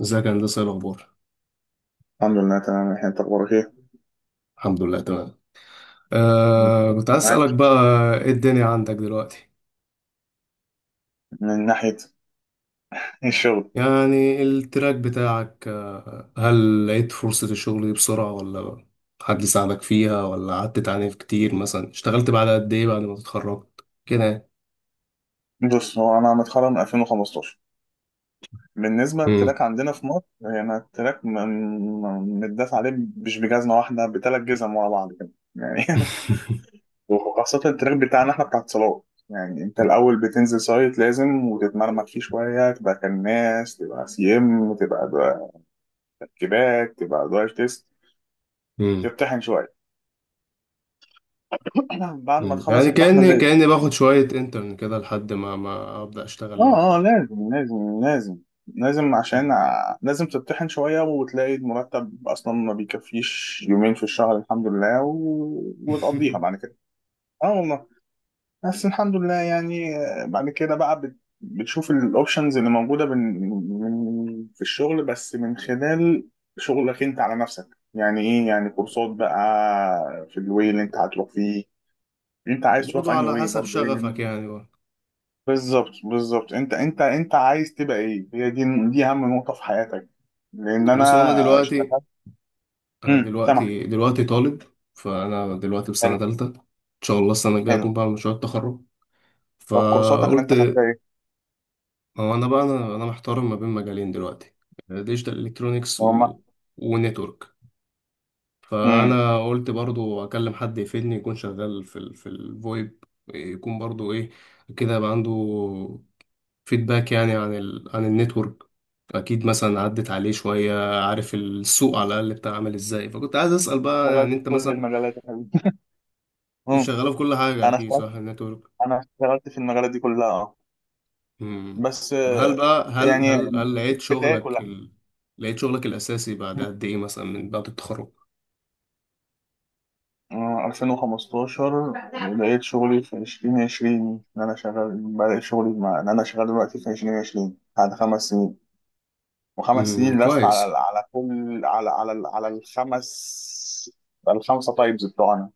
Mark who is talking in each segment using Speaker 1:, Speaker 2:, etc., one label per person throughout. Speaker 1: ازيك يا هندسة ايه الأخبار؟
Speaker 2: الحمد لله، تمام. الحين انت اخبارك ايه؟
Speaker 1: الحمد لله تمام. آه كنت عايز
Speaker 2: معاك.
Speaker 1: أسألك بقى، ايه الدنيا عندك دلوقتي؟
Speaker 2: من ناحيه الشغل.
Speaker 1: يعني التراك بتاعك آه هل لقيت فرصة الشغل دي بسرعة ولا حد ساعدك فيها ولا قعدت تعاني كتير، مثلا اشتغلت بعد قد ايه بعد ما اتخرجت؟ كده يعني.
Speaker 2: بص، هو انا متخرج من 2015. بالنسبه
Speaker 1: مم.
Speaker 2: للتراك عندنا في مصر، يعني التراك متداس عليه مش بجزمه واحده، بثلاث جزم ورا بعض كده. يعني وخاصه التراك بتاعنا احنا، بتاع اتصالات. يعني انت الاول بتنزل سايت لازم، وتتمرمك فيه شويه، تبقى كناس، تبقى سي ام، تبقى كباك، تبقى درايف تيست،
Speaker 1: مم.
Speaker 2: تمتحن شويه. بعد ما
Speaker 1: مم.
Speaker 2: تخلص
Speaker 1: يعني
Speaker 2: الطحنه
Speaker 1: كأني
Speaker 2: دي
Speaker 1: كأني باخد شوية انترن كده لحد ما أبدأ أشتغل لوحدي
Speaker 2: اه اه،
Speaker 1: يعني.
Speaker 2: لازم لازم، عشان
Speaker 1: مم.
Speaker 2: لازم تطحن شوية، وتلاقي المرتب أصلا ما بيكفيش يومين في الشهر الحمد لله، وتقضيها بعد كده. اه والله. بس الحمد لله يعني. بعد كده بقى بتشوف الأوبشنز اللي موجودة في الشغل، بس من خلال شغلك أنت على نفسك، يعني إيه؟ يعني كورسات بقى، في الواي اللي
Speaker 1: مم.
Speaker 2: أنت هتروح فيه. أنت عايز تروح في
Speaker 1: وبرضه
Speaker 2: أنهي
Speaker 1: على
Speaker 2: واي
Speaker 1: حسب
Speaker 2: برضه.
Speaker 1: شغفك يعني بقى.
Speaker 2: بالظبط، انت عايز تبقى ايه، هي دي، دي اهم نقطة في حياتك. لان انا
Speaker 1: بص هو أنا دلوقتي،
Speaker 2: اشتغلت.
Speaker 1: أنا
Speaker 2: امم، سامع.
Speaker 1: دلوقتي طالب. فأنا دلوقتي في
Speaker 2: حلو.
Speaker 1: سنة تالتة إن شاء الله السنة الجاية
Speaker 2: حلو،
Speaker 1: أكون بعمل مشروع التخرج.
Speaker 2: طب كورساتك اللي
Speaker 1: فقلت
Speaker 2: انت خدتها ايه؟
Speaker 1: هو أنا بقى، أنا محتار ما بين مجالين دلوقتي: ديجيتال إلكترونيكس
Speaker 2: هما.
Speaker 1: و... ونتورك.
Speaker 2: امم.
Speaker 1: فأنا قلت برضو أكلم حد يفيدني، يكون شغال في ال... في الفويب، يكون برضو إيه كده، يبقى عنده فيدباك يعني عن ال... عن النتورك، أكيد مثلا عدت عليه شوية، عارف السوق على الأقل بتاع عامل إزاي. فكنت عايز أسأل بقى،
Speaker 2: اشتغلت
Speaker 1: يعني
Speaker 2: في
Speaker 1: أنت
Speaker 2: كل
Speaker 1: مثلا
Speaker 2: المجالات يا حبيبي. امم.
Speaker 1: شغاله في كل حاجه
Speaker 2: انا
Speaker 1: اكيد،
Speaker 2: اشتغلت
Speaker 1: صح، النتورك.
Speaker 2: انا اشتغلت في المجالات دي كلها، اه.
Speaker 1: امم.
Speaker 2: بس
Speaker 1: طب هل بقى، هل
Speaker 2: يعني
Speaker 1: هل هل لقيت
Speaker 2: البداية
Speaker 1: شغلك
Speaker 2: كلها.
Speaker 1: ال... لقيت شغلك الاساسي بعد قد ايه مثلا من بعد التخرج؟
Speaker 2: آه، 2015 بدأت شغلي في 2020، إن أنا شغال، بدأت شغلي مع إن أنا شغال دلوقتي في 2020 بعد خمس سنين. وخمس سنين لف
Speaker 1: كويس.
Speaker 2: على، على كل على على على الخمس، الخمسه تايبز بتوعنا،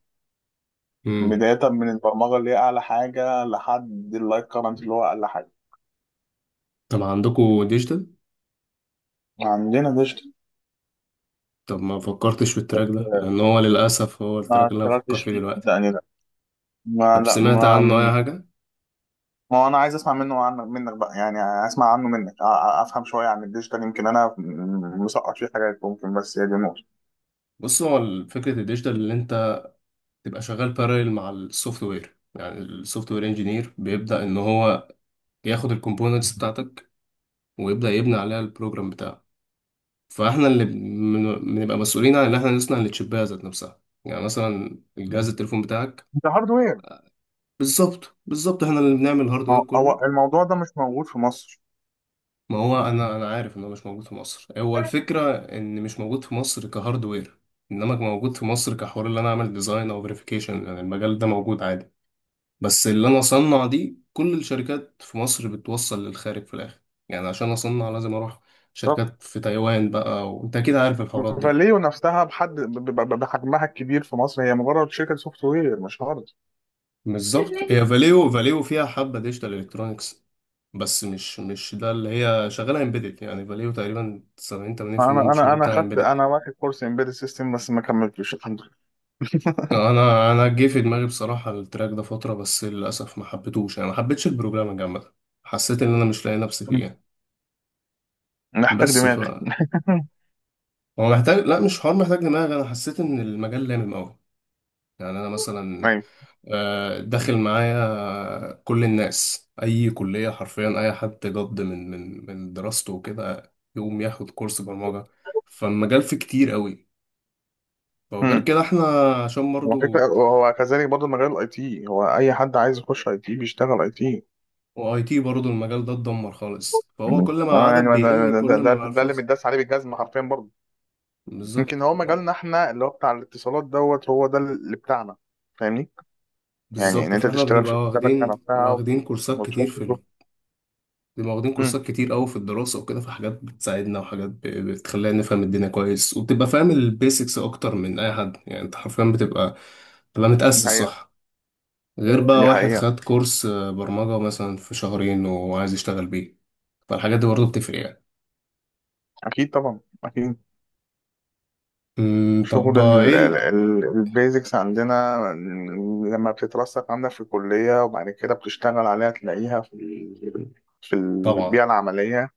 Speaker 1: امم.
Speaker 2: بداية من البرمجة اللي هي أعلى حاجة، لحد اللايف كرنت اللي هو أقل حاجة.
Speaker 1: طب عندكوا ديجيتال؟
Speaker 2: عندنا ديجيتال،
Speaker 1: طب ما فكرتش في
Speaker 2: بس
Speaker 1: التراك ده، لان هو للاسف هو التراك
Speaker 2: ما
Speaker 1: اللي انا بفكر
Speaker 2: اشتغلتش
Speaker 1: فيه
Speaker 2: فيه
Speaker 1: دلوقتي.
Speaker 2: صدقني، لا ما
Speaker 1: طب
Speaker 2: لا
Speaker 1: سمعت
Speaker 2: ما
Speaker 1: عنه اي حاجه؟
Speaker 2: ما هو أنا عايز أسمع منه، منك بقى يعني، أسمع عنه منك، أفهم شوية عن الديجيتال، يمكن أنا مسقط فيه حاجات ممكن، بس هي دي النقطة.
Speaker 1: بص هو ال- فكره الديجيتال اللي انت تبقى شغال باراليل مع السوفت وير، يعني السوفت وير انجينير بيبدا ان هو ياخد الكومبوننتس بتاعتك ويبدا يبني عليها البروجرام بتاعه. فاحنا اللي بن- بنبقى مسؤولين عن ان احنا نصنع التشيبات ذات نفسها، يعني مثلا الجهاز التليفون بتاعك.
Speaker 2: ده هاردوير.
Speaker 1: بالظبط بالظبط، احنا اللي بنعمل الهاردوير
Speaker 2: هو
Speaker 1: كله.
Speaker 2: هو الموضوع ده مش موجود في مصر.
Speaker 1: ما هو انا انا عارف ان هو مش موجود في مصر، هو الفكره ان مش موجود في مصر كهاردوير، انما موجود في مصر كحوار اللي انا اعمل ديزاين او فيريفيكيشن، يعني المجال ده موجود عادي، بس اللي انا اصنع دي كل الشركات في مصر بتوصل للخارج في الاخر. يعني عشان اصنع لازم اروح شركات في تايوان بقى، وانت اكيد عارف الحوارات دي.
Speaker 2: فاليو نفسها بحد بحجمها الكبير في مصر، هي مجرد شركه سوفت وير، مش هارد.
Speaker 1: بالظبط، هي فاليو، فاليو فيها حبة ديجيتال الكترونكس بس مش ده اللي هي شغالة، امبيدد، يعني فاليو تقريبا 70 80% من
Speaker 2: انا انا
Speaker 1: الشغل
Speaker 2: انا
Speaker 1: بتاعها
Speaker 2: خدت،
Speaker 1: امبيدد.
Speaker 2: انا واخد كورس امبيدد سيستم، بس ما كملتوش الحمد لله.
Speaker 1: انا جه في دماغي بصراحة التراك ده فترة، بس للاسف ما حبيتهوش، يعني ما حبيتش البروجرامنج عامة. حسيت ان انا مش لاقي نفسي فيه يعني.
Speaker 2: محتاج
Speaker 1: بس ف،
Speaker 2: دماغ.
Speaker 1: هو محتاج، لا مش حوار محتاج دماغ، انا حسيت ان المجال لامم قوي. يعني انا مثلا
Speaker 2: ايوه.
Speaker 1: داخل معايا كل الناس اي كليه، حرفيا اي حد جد من من دراسته وكده يقوم ياخد كورس برمجه، فالمجال فيه كتير قوي. وغير
Speaker 2: امم.
Speaker 1: كده احنا عشان
Speaker 2: هو فكره،
Speaker 1: برضو،
Speaker 2: هو كذلك برضه مجال الاي تي، هو اي حد عايز يخش اي تي بيشتغل اي تي.
Speaker 1: واي تي برضو المجال ده اتدمر خالص، فهو
Speaker 2: مم.
Speaker 1: كل ما
Speaker 2: اه
Speaker 1: العدد
Speaker 2: يعني
Speaker 1: بيقل
Speaker 2: أنا، ده,
Speaker 1: كل ما
Speaker 2: ده,
Speaker 1: بقى
Speaker 2: ده اللي
Speaker 1: الفرص.
Speaker 2: متداس عليه بالجزمه حرفيا برضه. يمكن
Speaker 1: بالظبط
Speaker 2: هو مجالنا احنا اللي هو بتاع الاتصالات دوت، هو ده اللي بتاعنا. فاهمني؟ يعني ان
Speaker 1: بالظبط.
Speaker 2: انت
Speaker 1: فاحنا
Speaker 2: تشتغل
Speaker 1: بنبقى
Speaker 2: في الشبكه
Speaker 1: واخدين
Speaker 2: نفسها،
Speaker 1: واخدين كورسات
Speaker 2: وتروح
Speaker 1: كتير في،
Speaker 2: تشوف.
Speaker 1: بيبقى واخدين
Speaker 2: مم.
Speaker 1: كورسات كتير قوي في الدراسة وكده، في حاجات بتساعدنا وحاجات ب- بتخلينا نفهم الدنيا كويس، وبتبقى فاهم البيسكس أكتر من أي حد، يعني أنت حرفيا بتبقى
Speaker 2: دي
Speaker 1: متأسس
Speaker 2: حقيقة.
Speaker 1: صح، غير بقى
Speaker 2: دي
Speaker 1: واحد
Speaker 2: حقيقة.
Speaker 1: خد كورس، برمجة مثلا في شهرين وعايز يشتغل بيه. فالحاجات دي برضه بتفرق يعني.
Speaker 2: أكيد طبعا، أكيد.
Speaker 1: أمم، طب
Speaker 2: شغل
Speaker 1: إيه ال-،
Speaker 2: البيزكس عندنا، لما بتترسخ عندك في الكلية، وبعد كده بتشتغل عليها، تلاقيها في في
Speaker 1: طبعا،
Speaker 2: البيئة العملية.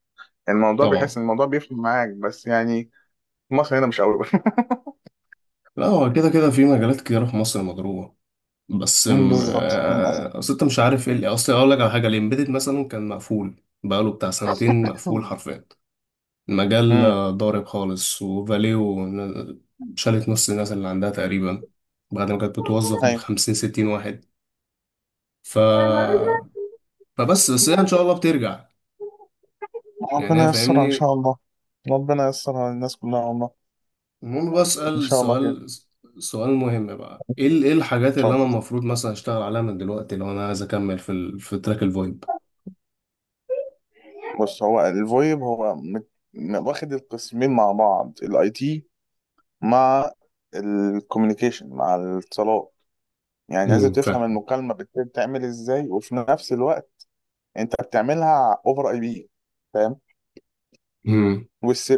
Speaker 2: الموضوع، بتحس
Speaker 1: طبعا.
Speaker 2: إن الموضوع بيفرق معاك، بس يعني في مصر هنا مش قوي.
Speaker 1: لا هو كده كده في مجالات كتيرة في مصر مضروبة. بس
Speaker 2: أمم،
Speaker 1: أم،
Speaker 2: بالظبط للأسف.
Speaker 1: آه، أصل أنت مش عارف إيه اللي-، أصل أقول لك على حاجة، الإمبيدد مثلا كان مقفول بقاله بتاع سنتين مقفول
Speaker 2: امم.
Speaker 1: حرفيا، مجال
Speaker 2: أمم.
Speaker 1: ضارب خالص. وفاليو ن- شالت نص الناس اللي عندها تقريبا بعد ما كانت بتوظف
Speaker 2: أيوة.
Speaker 1: بالخمسين ستين واحد. ف... بس هي إن شاء الله بترجع يعني، هي
Speaker 2: ربنا ييسرها إن
Speaker 1: فاهمني.
Speaker 2: شاء الله. ربنا ييسرها للناس كلها والله.
Speaker 1: المهم
Speaker 2: إن
Speaker 1: بسأل
Speaker 2: شاء الله كده.
Speaker 1: سؤال، سؤال مهم بقى: ايه ال- ايه الحاجات اللي انا
Speaker 2: اتفضل.
Speaker 1: المفروض مثلا اشتغل عليها من دلوقتي لو انا عايز اكمل في ال... في تراك الفويب؟
Speaker 2: بص هو الفويب، هو واخد القسمين مع بعض، الاي تي مع الكوميونيكيشن، مع الاتصالات. يعني لازم تفهم
Speaker 1: فاهم.
Speaker 2: المكالمة بتتعمل ازاي، وفي نفس الوقت انت بتعملها اوفر اي بي. فاهم؟
Speaker 1: امم.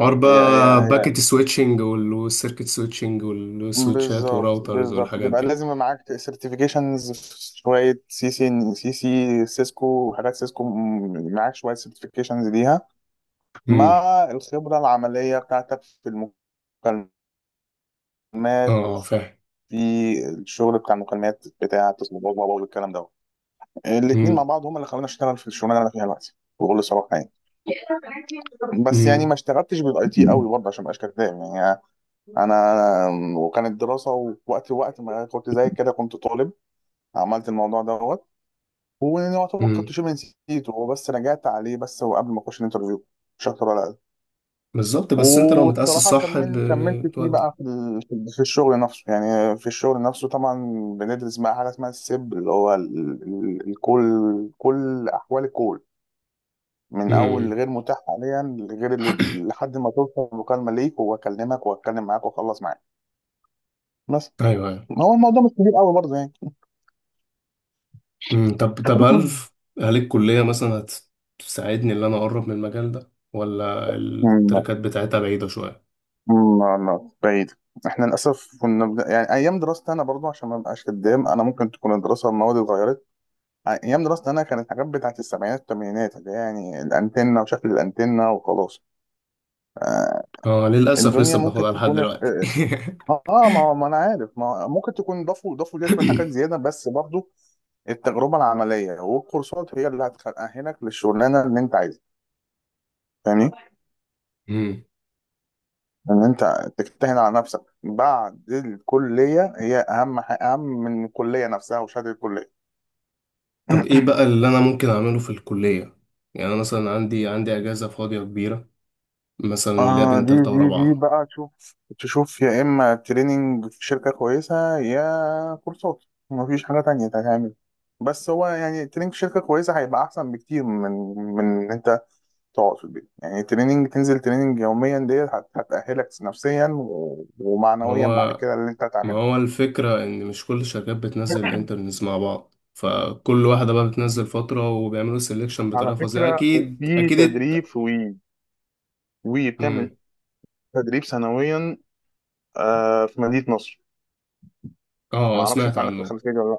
Speaker 1: حوار
Speaker 2: هي هي
Speaker 1: بقى
Speaker 2: هي
Speaker 1: باكيت سويتشنج والسيركت سويتشنج والسويتشات
Speaker 2: بالظبط،
Speaker 1: وراوترز
Speaker 2: بالظبط.
Speaker 1: والحاجات
Speaker 2: تبقى
Speaker 1: دي.
Speaker 2: لازم معاك سيرتيفيكيشنز، شوية سي سي، سي سي سيسكو، وحاجات سيسكو، معاك شوية سيرتيفيكيشنز ليها،
Speaker 1: امم.
Speaker 2: مع الخبرة العملية بتاعتك في المكالمات،
Speaker 1: اه
Speaker 2: وفي
Speaker 1: فاهم.
Speaker 2: الشغل بتاع المكالمات، بتاع التصميمات والكلام ده. الاثنين مع بعض هم اللي خلوني اشتغل في الشغلانه اللي انا فيها دلوقتي بكل صراحه يعني. بس يعني ما
Speaker 1: امم.
Speaker 2: اشتغلتش بالاي تي قوي برضه، عشان ما ابقاش كداب يعني. انا، وكانت دراسه، ووقت ما كنت زي كده، كنت طالب، عملت الموضوع دوت، ويعتبر
Speaker 1: امم.
Speaker 2: كنت شبه نسيته، وبس رجعت عليه بس وقبل ما اخش الانترفيو، مش اكتر ولا اقل.
Speaker 1: بالظبط. بس انت لو متأسس
Speaker 2: والصراحه
Speaker 1: صح ب-
Speaker 2: كملت فيه
Speaker 1: بتودي.
Speaker 2: بقى في في الشغل نفسه، يعني في الشغل نفسه طبعا. بندرس بقى حاجه اسمها السيب، اللي هو الكل، كل احوال الكل، من اول
Speaker 1: امم.
Speaker 2: غير متاح حاليا لغير اللي، لحد ما توصل المكالمه ليك، واكلمك واتكلم معاك واخلص معاك. بس
Speaker 1: ايوه ايوه.
Speaker 2: ما هو الموضوع مش كبير قوي برضه يعني.
Speaker 1: امم. طب طب هل، هل الكلية مثلا هتساعدني ان انا اقرب من المجال ده ولا
Speaker 2: م-
Speaker 1: التراكات بتاعتها بعيدة شوية؟
Speaker 2: م- لا بعيد. احنا للاسف يعني ايام دراستي انا، برضو عشان ما ابقاش كدام انا، ممكن تكون الدراسه المواد اتغيرت. ايام دراستي انا كانت حاجات بتاعت السبعينات والثمانينات، اللي هي يعني الانتنه وشكل الانتنه وخلاص. آه،
Speaker 1: اه للأسف
Speaker 2: الدنيا
Speaker 1: لسه
Speaker 2: ممكن
Speaker 1: بناخدها لحد
Speaker 2: تكون
Speaker 1: دلوقتي.
Speaker 2: اه، ما ما انا عارف، ما ممكن تكون ضافوا ليها شويه حاجات زياده، بس برضو التجربه العمليه والكورسات هي اللي هتأهلك للشغلانه اللي انت عايزها. فاهمني؟
Speaker 1: امم.
Speaker 2: ان انت تجتهد على نفسك بعد الكليه، هي اهم من الكليه نفسها وشهاده الكليه.
Speaker 1: طب ايه بقى اللي انا ممكن اعمله في الكلية؟ يعني انا مثلا عندي اجازة فاضية كبيرة، مثلا اللي هي
Speaker 2: آه،
Speaker 1: بين
Speaker 2: دي
Speaker 1: تالتة
Speaker 2: دي دي
Speaker 1: ورابعة.
Speaker 2: بقى، تشوف، تشوف يا إما تريننج في شركة كويسة، يا كورسات. مفيش حاجة تانية تعمل. بس هو يعني تريننج في شركة كويسة هيبقى أحسن بكتير من، من إن أنت تقعد في البيت، يعني تريننج، تنزل تريننج يوميا ديت هتأهلك نفسيا ومعنويا بعد
Speaker 1: هو
Speaker 2: كده اللي انت
Speaker 1: ما
Speaker 2: هتعمله.
Speaker 1: هو الفكرة إن مش كل الشركات بتنزل الانترنز مع بعض، فكل واحدة بقى بتنزل فترة وبيعملوا سيلكشن
Speaker 2: على
Speaker 1: بطريقة فظيعة،
Speaker 2: فكرة،
Speaker 1: أكيد
Speaker 2: في
Speaker 1: أكيد الت-.
Speaker 2: تدريب في وي. وي
Speaker 1: مم.
Speaker 2: بتعمل تدريب سنويا، آه، في مدينة نصر. ما
Speaker 1: آه
Speaker 2: اعرفش
Speaker 1: سمعت
Speaker 2: انت عندك
Speaker 1: عنه.
Speaker 2: الخلفية دي ولا لا.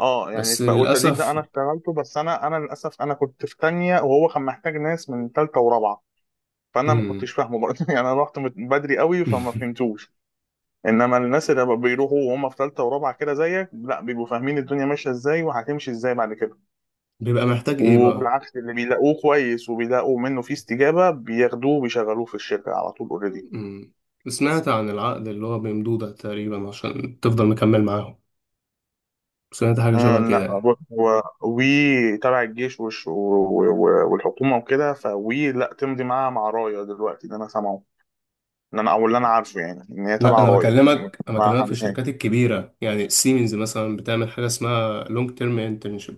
Speaker 2: اه، يعني
Speaker 1: بس
Speaker 2: بقى، والتدريب ده
Speaker 1: للأسف.
Speaker 2: انا اشتغلته، بس انا انا للاسف انا كنت في تانية، وهو كان محتاج ناس من تالتة ورابعة، فانا ما
Speaker 1: مم.
Speaker 2: كنتش فاهمه برضه. يعني انا رحت بدري قوي، فما فهمتوش. انما الناس اللي بقى بيروحوا وهم في ثالثه ورابعه كده زيك، لا بيبقوا فاهمين الدنيا ماشيه ازاي، وهتمشي ازاي بعد كده.
Speaker 1: بيبقى محتاج إيه بقى؟
Speaker 2: وبالعكس، اللي بيلاقوه كويس، وبيلاقوا منه فيه استجابه، بياخدوه وبيشغلوه في الشركه على طول، اوريدي.
Speaker 1: مم. سمعت عن العقد اللي هو بمدودة تقريبا عشان تفضل مكمل معاهم، سمعت حاجة
Speaker 2: آه،
Speaker 1: شبه كده
Speaker 2: لا
Speaker 1: يعني.
Speaker 2: بص، هو وي تبع الجيش والحكومه وكده، فوي لا تمضي معاها، مع رايه دلوقتي اللي انا سامعه، ان انا او اللي انا عارفه يعني، ان هي
Speaker 1: لا
Speaker 2: تبع
Speaker 1: أنا
Speaker 2: رايه.
Speaker 1: بكلمك، أنا
Speaker 2: مع
Speaker 1: بكلمك في الشركات
Speaker 2: حماية.
Speaker 1: الكبيرة، يعني سيمنز مثلا بتعمل حاجة اسمها لونج تيرم internship.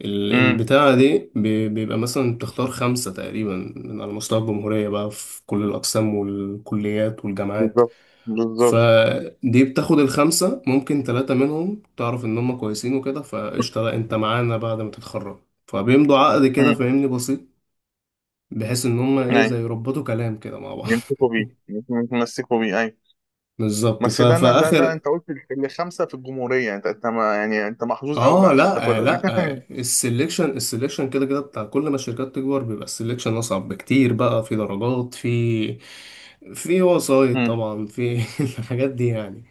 Speaker 1: ال-
Speaker 2: امم.
Speaker 1: البتاعة دي بي- بيبقى مثلا بتختار خمسة تقريبا من على مستوى الجمهورية بقى في كل الأقسام والكليات والجامعات،
Speaker 2: بالظبط. بالظبط.
Speaker 1: فدي بتاخد الخمسة، ممكن ثلاثة منهم تعرف إن هم كويسين وكده فقشطة، لا أنت معانا بعد ما تتخرج، فبيمضوا عقد كده
Speaker 2: امم.
Speaker 1: فاهمني بسيط، بحيث إن هم إيه
Speaker 2: ايوه.
Speaker 1: زي يربطوا كلام كده مع بعض.
Speaker 2: يمسكوا بيه يتمسكوا بيه، ايوه.
Speaker 1: بالظبط. ف-
Speaker 2: بس ده انا، ده
Speaker 1: فآخر،
Speaker 2: انت قلت اللي خمسه في الجمهوريه، انت انت ما يعني انت محظوظ قوي
Speaker 1: اه
Speaker 2: بقى عشان
Speaker 1: لا آه
Speaker 2: تاخد قوي.
Speaker 1: لا آه السلكشن، السلكشن كده كده بتاع كل ما الشركات تكبر بيبقى السلكشن اصعب بكتير، بقى في درجات في، في وسايط
Speaker 2: مم.
Speaker 1: طبعا في الحاجات دي يعني،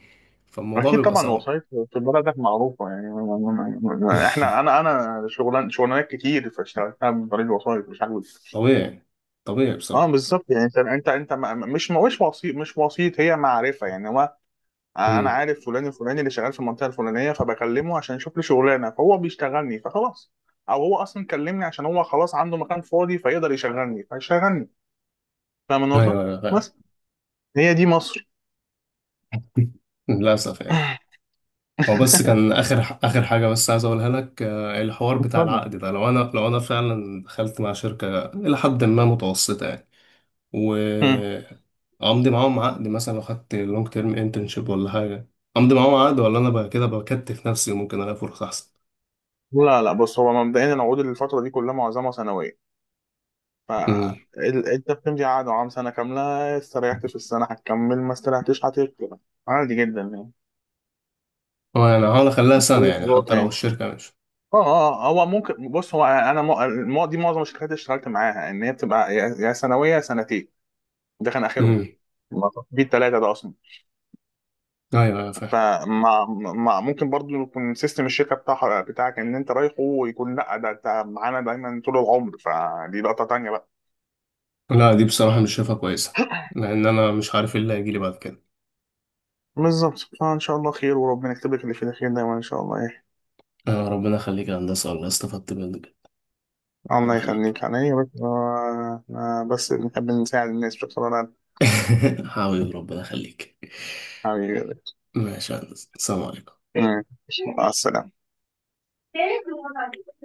Speaker 1: فالموضوع
Speaker 2: اكيد
Speaker 1: بيبقى
Speaker 2: طبعا.
Speaker 1: صعب.
Speaker 2: وسايط في بلدك معروفه يعني. احنا، انا شغلان شغلانات كتير فاشتغلتها من طريق الوسايط، مش عارف.
Speaker 1: طبيعي، طبيعي
Speaker 2: اه
Speaker 1: بصراحة.
Speaker 2: بالظبط، يعني انت مش وسيط، مش وسيط هي معرفه يعني. هو انا
Speaker 1: امم
Speaker 2: عارف فلان الفلاني اللي شغال في المنطقه الفلانيه، فبكلمه عشان يشوف لي شغلانه، فهو بيشتغلني فخلاص. او هو اصلا كلمني عشان هو خلاص عنده مكان فاضي فيقدر يشغلني فيشغلني. فاهم
Speaker 1: ايوه
Speaker 2: النقطة؟
Speaker 1: ايوه أيوة.
Speaker 2: بس هي دي مصر.
Speaker 1: للاسف يعني. هو بس كان اخر حاجه بس عايز اقولها لك، الحوار بتاع
Speaker 2: اتفضل.
Speaker 1: العقد ده، لو انا لو انا فعلا دخلت مع شركه الى حد ما متوسطه،
Speaker 2: مم.
Speaker 1: وامضي معاهم عقد، مثلا لو خدت لونج تيرم انترنشيب ولا حاجه، امضي معاهم عقد ولا انا بقى كده بكتف نفسي وممكن الاقي فرصه احسن؟
Speaker 2: لا لا، بص هو مبدئيا العقود الفترة دي كلها معظمها سنوية،
Speaker 1: امم.
Speaker 2: فانت بتمضي عقد عام سنة كاملة. استريحت في السنة هتكمل، ما استريحتش هتكمل. عادي جدا يعني،
Speaker 1: هو يعني هحاول اخليها سنه
Speaker 2: كل
Speaker 1: يعني حتى
Speaker 2: الوضع
Speaker 1: لو
Speaker 2: يعني.
Speaker 1: الشركه مش.
Speaker 2: اه اه، هو ممكن، بص هو انا دي معظم الشركات اللي اشتغلت معاها ان هي بتبقى يا سنوية يا سنتين. ده كان اخرهم،
Speaker 1: امم
Speaker 2: ما في التلاتة ده اصلا.
Speaker 1: ايوه ايوه فاهم.
Speaker 2: فما ما ممكن برضو يكون سيستم الشركه بتاعك ان انت رايحه، ويكون لا، ده انت معانا دايما طول العمر، فدي لقطه تانيه بقى.
Speaker 1: لا دي بصراحه مش شايفها كويسه، لان انا مش عارف ايه اللي هيجي لي بعد كده.
Speaker 2: بالظبط. فان شاء الله خير، وربنا يكتب لك اللي فيه الخير دايما ان شاء الله. ايه،
Speaker 1: ربنا يخليك يا هندسه، والله استفدت منك. ربنا
Speaker 2: الله
Speaker 1: يخليك.
Speaker 2: يخليك عليا يا رب. بس بنحب نساعد الناس بصراحه.
Speaker 1: حبيبي ربنا يخليك.
Speaker 2: حبيبي.
Speaker 1: ماشي يا هندسه، السلام عليكم.
Speaker 2: مع السلامه.